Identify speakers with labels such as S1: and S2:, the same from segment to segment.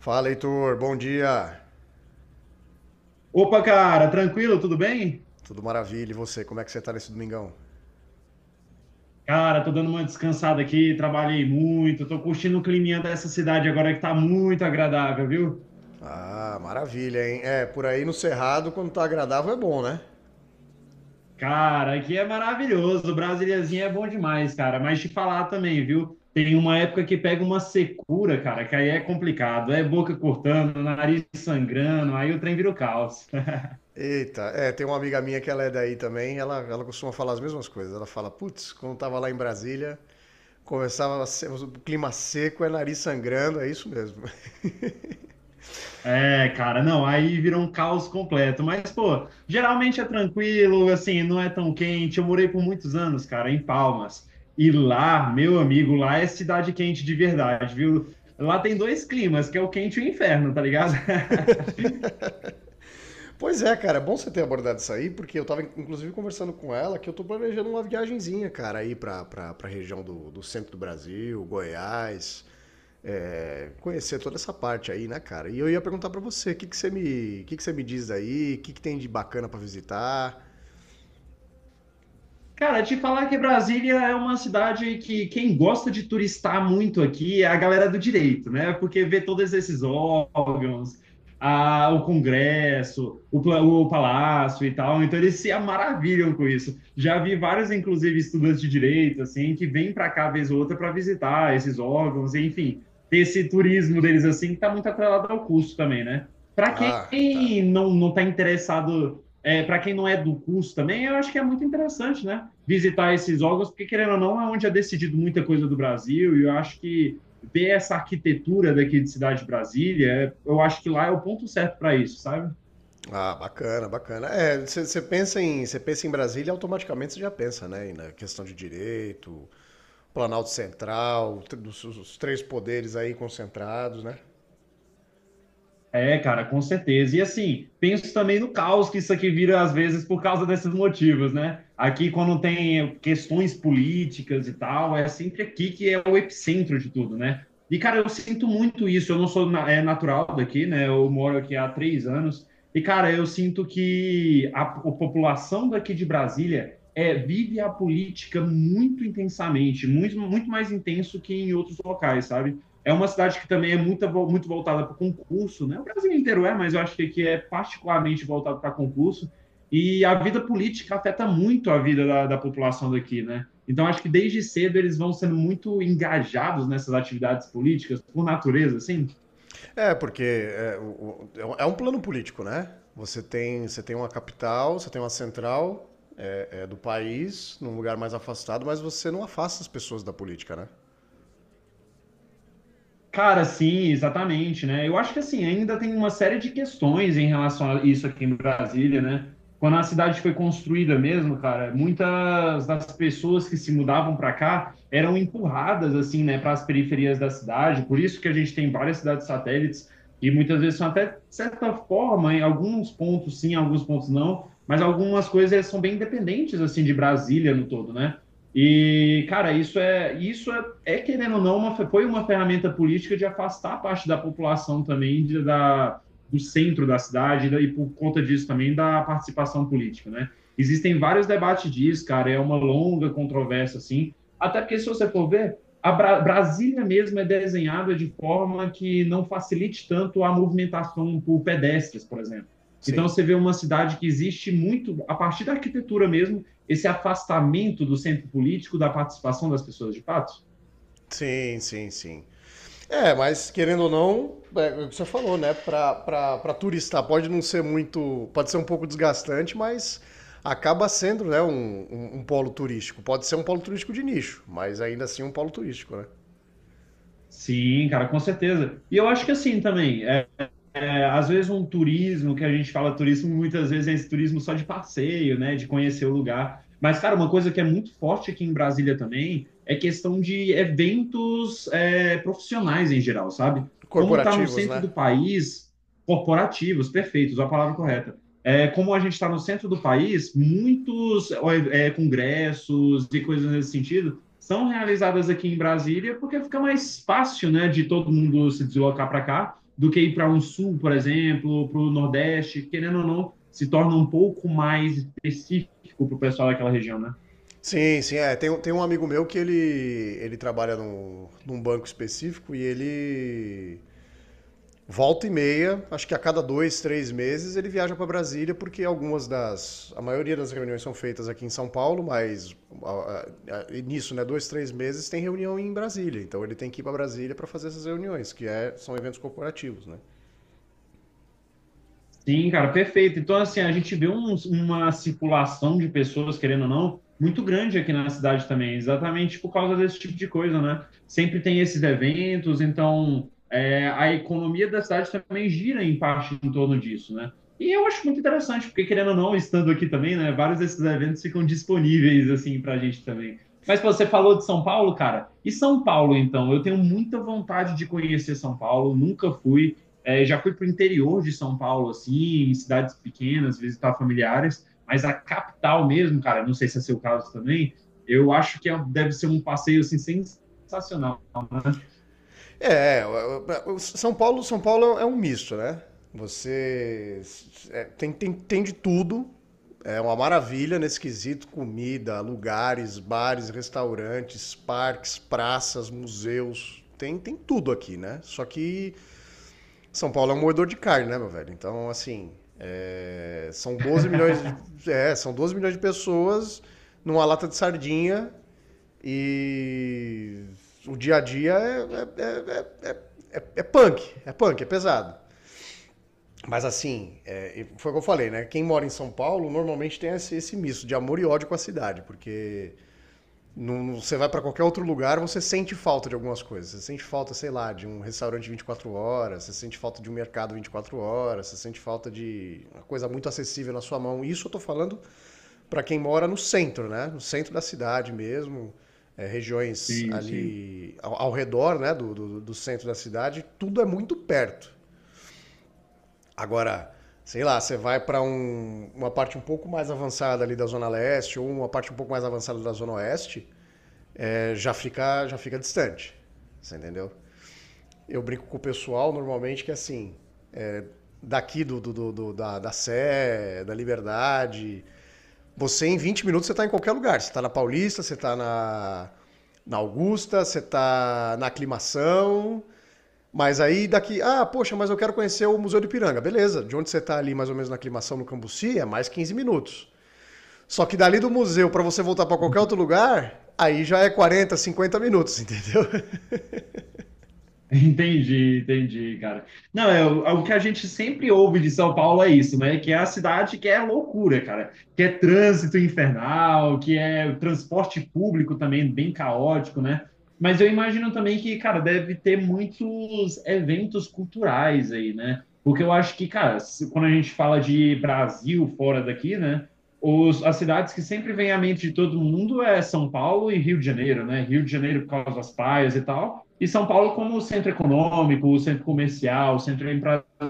S1: Fala, Heitor. Bom dia.
S2: Opa, cara, tranquilo, tudo bem?
S1: Tudo maravilha. E você? Como é que você tá nesse domingão?
S2: Cara, tô dando uma descansada aqui, trabalhei muito, tô curtindo o climinha dessa cidade agora que tá muito agradável, viu?
S1: Ah, maravilha, hein? É, por aí no Cerrado, quando tá agradável, é bom, né?
S2: Cara, aqui é maravilhoso, Brasíliazinha é bom demais, cara, mas te falar também, viu? Tem uma época que pega uma secura, cara, que aí é complicado, é boca cortando, nariz sangrando, aí o trem vira o caos.
S1: Eita, é, tem uma amiga minha que ela é daí também, ela costuma falar as mesmas coisas. Ela fala, putz, quando tava lá em Brasília, conversava, o clima seco, é nariz sangrando, é isso mesmo.
S2: É, cara, não, aí vira um caos completo. Mas, pô, geralmente é tranquilo, assim, não é tão quente. Eu morei por muitos anos, cara, em Palmas. E lá, meu amigo, lá é cidade quente de verdade, viu? Lá tem dois climas, que é o quente e o inferno, tá ligado?
S1: Pois é, cara, é bom você ter abordado isso aí, porque eu tava inclusive conversando com ela que eu tô planejando uma viagenzinha, cara, aí pra região do centro do Brasil, Goiás, é, conhecer toda essa parte aí, né, cara? E eu ia perguntar pra você, o que, que você me diz aí? O que, que tem de bacana pra visitar?
S2: Cara, te falar que Brasília é uma cidade que quem gosta de turistar muito aqui é a galera do direito, né? Porque vê todos esses órgãos, o Congresso, o Palácio e tal, então eles se maravilham com isso. Já vi vários, inclusive, estudantes de direito, assim, que vêm para cá vez ou outra para visitar esses órgãos, enfim, ter esse turismo deles, assim, que está muito atrelado ao custo também, né? Para quem
S1: Ah, tá.
S2: não está interessado para quem não é do curso também, eu acho que é muito interessante, né? Visitar esses órgãos, porque querendo ou não, é onde é decidido muita coisa do Brasil, e eu acho que ver essa arquitetura daqui de Cidade de Brasília, eu acho que lá é o ponto certo para isso, sabe?
S1: Ah, bacana, bacana. É, você você pensa em Brasília, automaticamente você já pensa, né, na questão de direito, Planalto Central, os três poderes aí concentrados, né?
S2: É, cara, com certeza. E assim, penso também no caos que isso aqui vira às vezes por causa desses motivos, né? Aqui, quando tem questões políticas e tal, é sempre aqui que é o epicentro de tudo, né? E, cara, eu sinto muito isso. Eu não sou natural daqui, né? Eu moro aqui há 3 anos. E, cara, eu sinto que a população daqui de Brasília vive a política muito intensamente, muito, muito mais intenso que em outros locais, sabe? É uma cidade que também é muito, muito voltada para concurso, né? O Brasil inteiro é, mas eu acho que aqui é particularmente voltado para concurso. E a vida política afeta muito a vida da população daqui, né? Então, acho que desde cedo eles vão sendo muito engajados nessas atividades políticas, por natureza, assim.
S1: É, porque é um plano político, né? Você tem uma capital, você tem uma central do país, num lugar mais afastado, mas você não afasta as pessoas da política, né?
S2: Cara, sim, exatamente, né? Eu acho que assim, ainda tem uma série de questões em relação a isso aqui em Brasília, né? Quando a cidade foi construída mesmo, cara, muitas das pessoas que se mudavam para cá eram empurradas assim, né, para as periferias da cidade. Por isso que a gente tem várias cidades satélites e muitas vezes são até de certa forma, em alguns pontos sim, em alguns pontos não, mas algumas coisas são bem independentes assim de Brasília no todo, né? E, cara, querendo ou não, foi uma ferramenta política de afastar parte da população também da, do centro da cidade, né, e, por conta disso, também da participação política, né? Existem vários debates disso, cara, é uma longa controvérsia, assim, até porque, se você for ver, a Brasília mesmo é desenhada de forma que não facilite tanto a movimentação por pedestres, por exemplo. Então,
S1: Sim.
S2: você vê uma cidade que existe muito, a partir da arquitetura mesmo, esse afastamento do centro político, da participação das pessoas de fato.
S1: Sim, sim, sim. É, mas querendo ou não, é o que você falou, né? Pra turista pode não ser muito. Pode ser um pouco desgastante, mas acaba sendo, né, um polo turístico. Pode ser um polo turístico de nicho, mas ainda assim um polo turístico, né?
S2: Sim, cara, com certeza. E eu acho que assim também. Às vezes um turismo, que a gente fala turismo, muitas vezes é esse turismo só de passeio, né, de conhecer o lugar. Mas, cara, uma coisa que é muito forte aqui em Brasília também é questão de eventos profissionais em geral, sabe? Como está no
S1: Corporativos,
S2: centro
S1: né?
S2: do país, corporativos, perfeitos, a palavra correta. É, como a gente está no centro do país, muitos congressos e coisas nesse sentido são realizadas aqui em Brasília porque fica mais fácil, né, de todo mundo se deslocar para cá do que ir para um sul, por exemplo, para o Nordeste, querendo ou não, se torna um pouco mais específico para o pessoal daquela região, né?
S1: Sim, sim, é. Tem um amigo meu que ele trabalha num banco específico e ele volta e meia, acho que a cada dois, três meses, ele viaja para Brasília, porque algumas das. A maioria das reuniões são feitas aqui em São Paulo, mas a- nisso, né, dois, três meses tem reunião em Brasília. Então ele tem que ir para Brasília para fazer essas reuniões, que é, são eventos corporativos, né?
S2: Sim, cara, perfeito. Então, assim, a gente vê uma circulação de pessoas, querendo ou não, muito grande aqui na cidade também, exatamente por causa desse tipo de coisa, né? Sempre tem esses eventos, então a economia da cidade também gira em parte em torno disso, né? E eu acho muito interessante, porque querendo ou não, estando aqui também, né, vários desses eventos ficam disponíveis, assim, pra gente também. Mas pô, você falou de São Paulo, cara, e São Paulo, então? Eu tenho muita vontade de conhecer São Paulo, nunca fui. É, já fui para o interior de São Paulo, assim, em cidades pequenas, visitar familiares, mas a capital mesmo, cara, não sei se é seu caso também, eu acho que deve ser um passeio assim, sensacional. Né?
S1: É, São Paulo é um misto, né? Você tem de tudo. É uma maravilha nesse quesito: comida, lugares, bares, restaurantes, parques, praças, museus. Tem tudo aqui, né? Só que São Paulo é um moedor de carne, né, meu velho? Então, assim, é, são 12 milhões de pessoas numa lata de sardinha e o dia a dia é punk, é punk, é pesado. Mas assim, é, foi o que eu falei, né? Quem mora em São Paulo normalmente tem esse misto de amor e ódio com a cidade, porque não, você vai para qualquer outro lugar, você sente falta de algumas coisas. Você sente falta, sei lá, de um restaurante 24 horas, você sente falta de um mercado 24 horas, você sente falta de uma coisa muito acessível na sua mão. Isso eu tô falando para quem mora no centro, né? No centro da cidade mesmo. É, regiões
S2: Sim, sim.
S1: ali ao redor né, do centro da cidade, tudo é muito perto. Agora, sei lá, você vai para uma parte um pouco mais avançada ali da Zona Leste ou uma parte um pouco mais avançada da Zona Oeste, já fica distante. Você entendeu? Eu brinco com o pessoal normalmente que é assim, daqui da Sé, da Liberdade, você em 20 minutos você tá em qualquer lugar. Você tá na Paulista, você tá na Augusta, você tá na Aclimação. Mas aí daqui, ah, poxa, mas eu quero conhecer o Museu do Ipiranga. Beleza, de onde você está ali mais ou menos na aclimação no Cambuci é mais 15 minutos. Só que dali do museu para você voltar para qualquer outro lugar, aí já é 40 50 minutos, entendeu?
S2: Entendi, entendi, cara. Não, é, o é o que a gente sempre ouve de São Paulo é isso, né? Que é a cidade que é loucura, cara. Que é trânsito infernal, que é transporte público também bem caótico, né? Mas eu imagino também que, cara, deve ter muitos eventos culturais aí, né? Porque eu acho que, cara, quando a gente fala de Brasil fora daqui, né? As cidades que sempre vem à mente de todo mundo é São Paulo e Rio de Janeiro, né? Rio de Janeiro por causa das praias e tal. E São Paulo como centro econômico, centro comercial, centro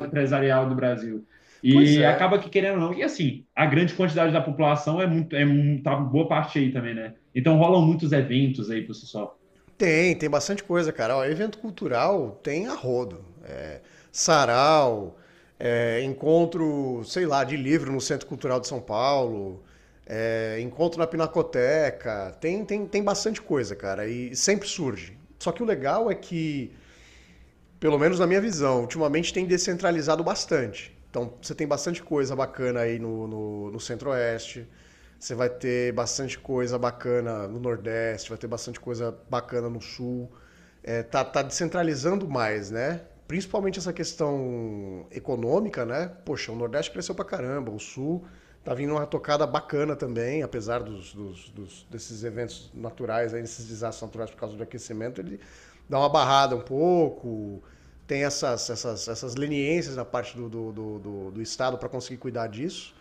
S2: empresarial do Brasil.
S1: Pois
S2: E
S1: é.
S2: acaba que querendo ou não, e assim, a grande quantidade da população é muito, tá boa parte aí também, né? Então rolam muitos eventos aí por si só.
S1: Tem bastante coisa, cara. Ó, evento cultural tem a rodo. É, sarau, é, encontro, sei lá, de livro no Centro Cultural de São Paulo, é, encontro na Pinacoteca. Tem bastante coisa, cara. E sempre surge. Só que o legal é que, pelo menos na minha visão, ultimamente tem descentralizado bastante. Então você tem bastante coisa bacana aí no Centro-Oeste. Você vai ter bastante coisa bacana no Nordeste, vai ter bastante coisa bacana no Sul. É, tá descentralizando mais, né? Principalmente essa questão econômica, né? Poxa, o Nordeste cresceu pra caramba, o Sul tá vindo uma tocada bacana também, apesar desses eventos naturais, aí, desses desastres naturais por causa do aquecimento, ele dá uma barrada um pouco, tem essas leniências da parte do Estado para conseguir cuidar disso.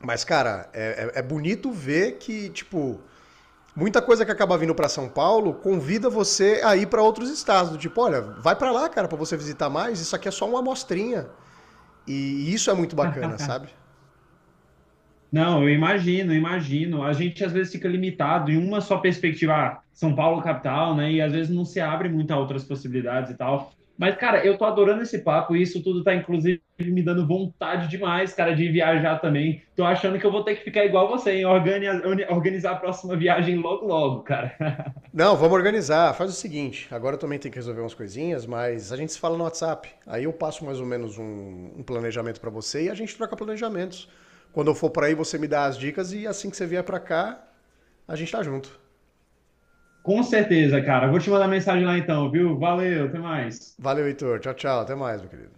S1: Mas, cara, é bonito ver que, tipo, muita coisa que acaba vindo para São Paulo convida você a ir para outros estados. Tipo, olha, vai para lá, cara, para você visitar mais. Isso aqui é só uma amostrinha. E isso é muito bacana, sabe?
S2: Não, eu imagino, eu imagino. A gente às vezes fica limitado em uma só perspectiva, ah, São Paulo capital, né? E às vezes não se abre muito a outras possibilidades e tal. Mas, cara, eu tô adorando esse papo e isso tudo tá, inclusive, me dando vontade demais, cara, de viajar também. Tô achando que eu vou ter que ficar igual você, hein? Organizar a próxima viagem logo, logo, cara.
S1: Não, vamos organizar. Faz o seguinte, agora eu também tenho que resolver umas coisinhas, mas a gente se fala no WhatsApp. Aí eu passo mais ou menos um planejamento para você e a gente troca planejamentos. Quando eu for para aí, você me dá as dicas e assim que você vier para cá, a gente tá junto.
S2: Com certeza, cara. Vou te mandar mensagem lá então, viu? Valeu, até mais.
S1: Valeu, Heitor. Tchau, tchau. Até mais, meu querido.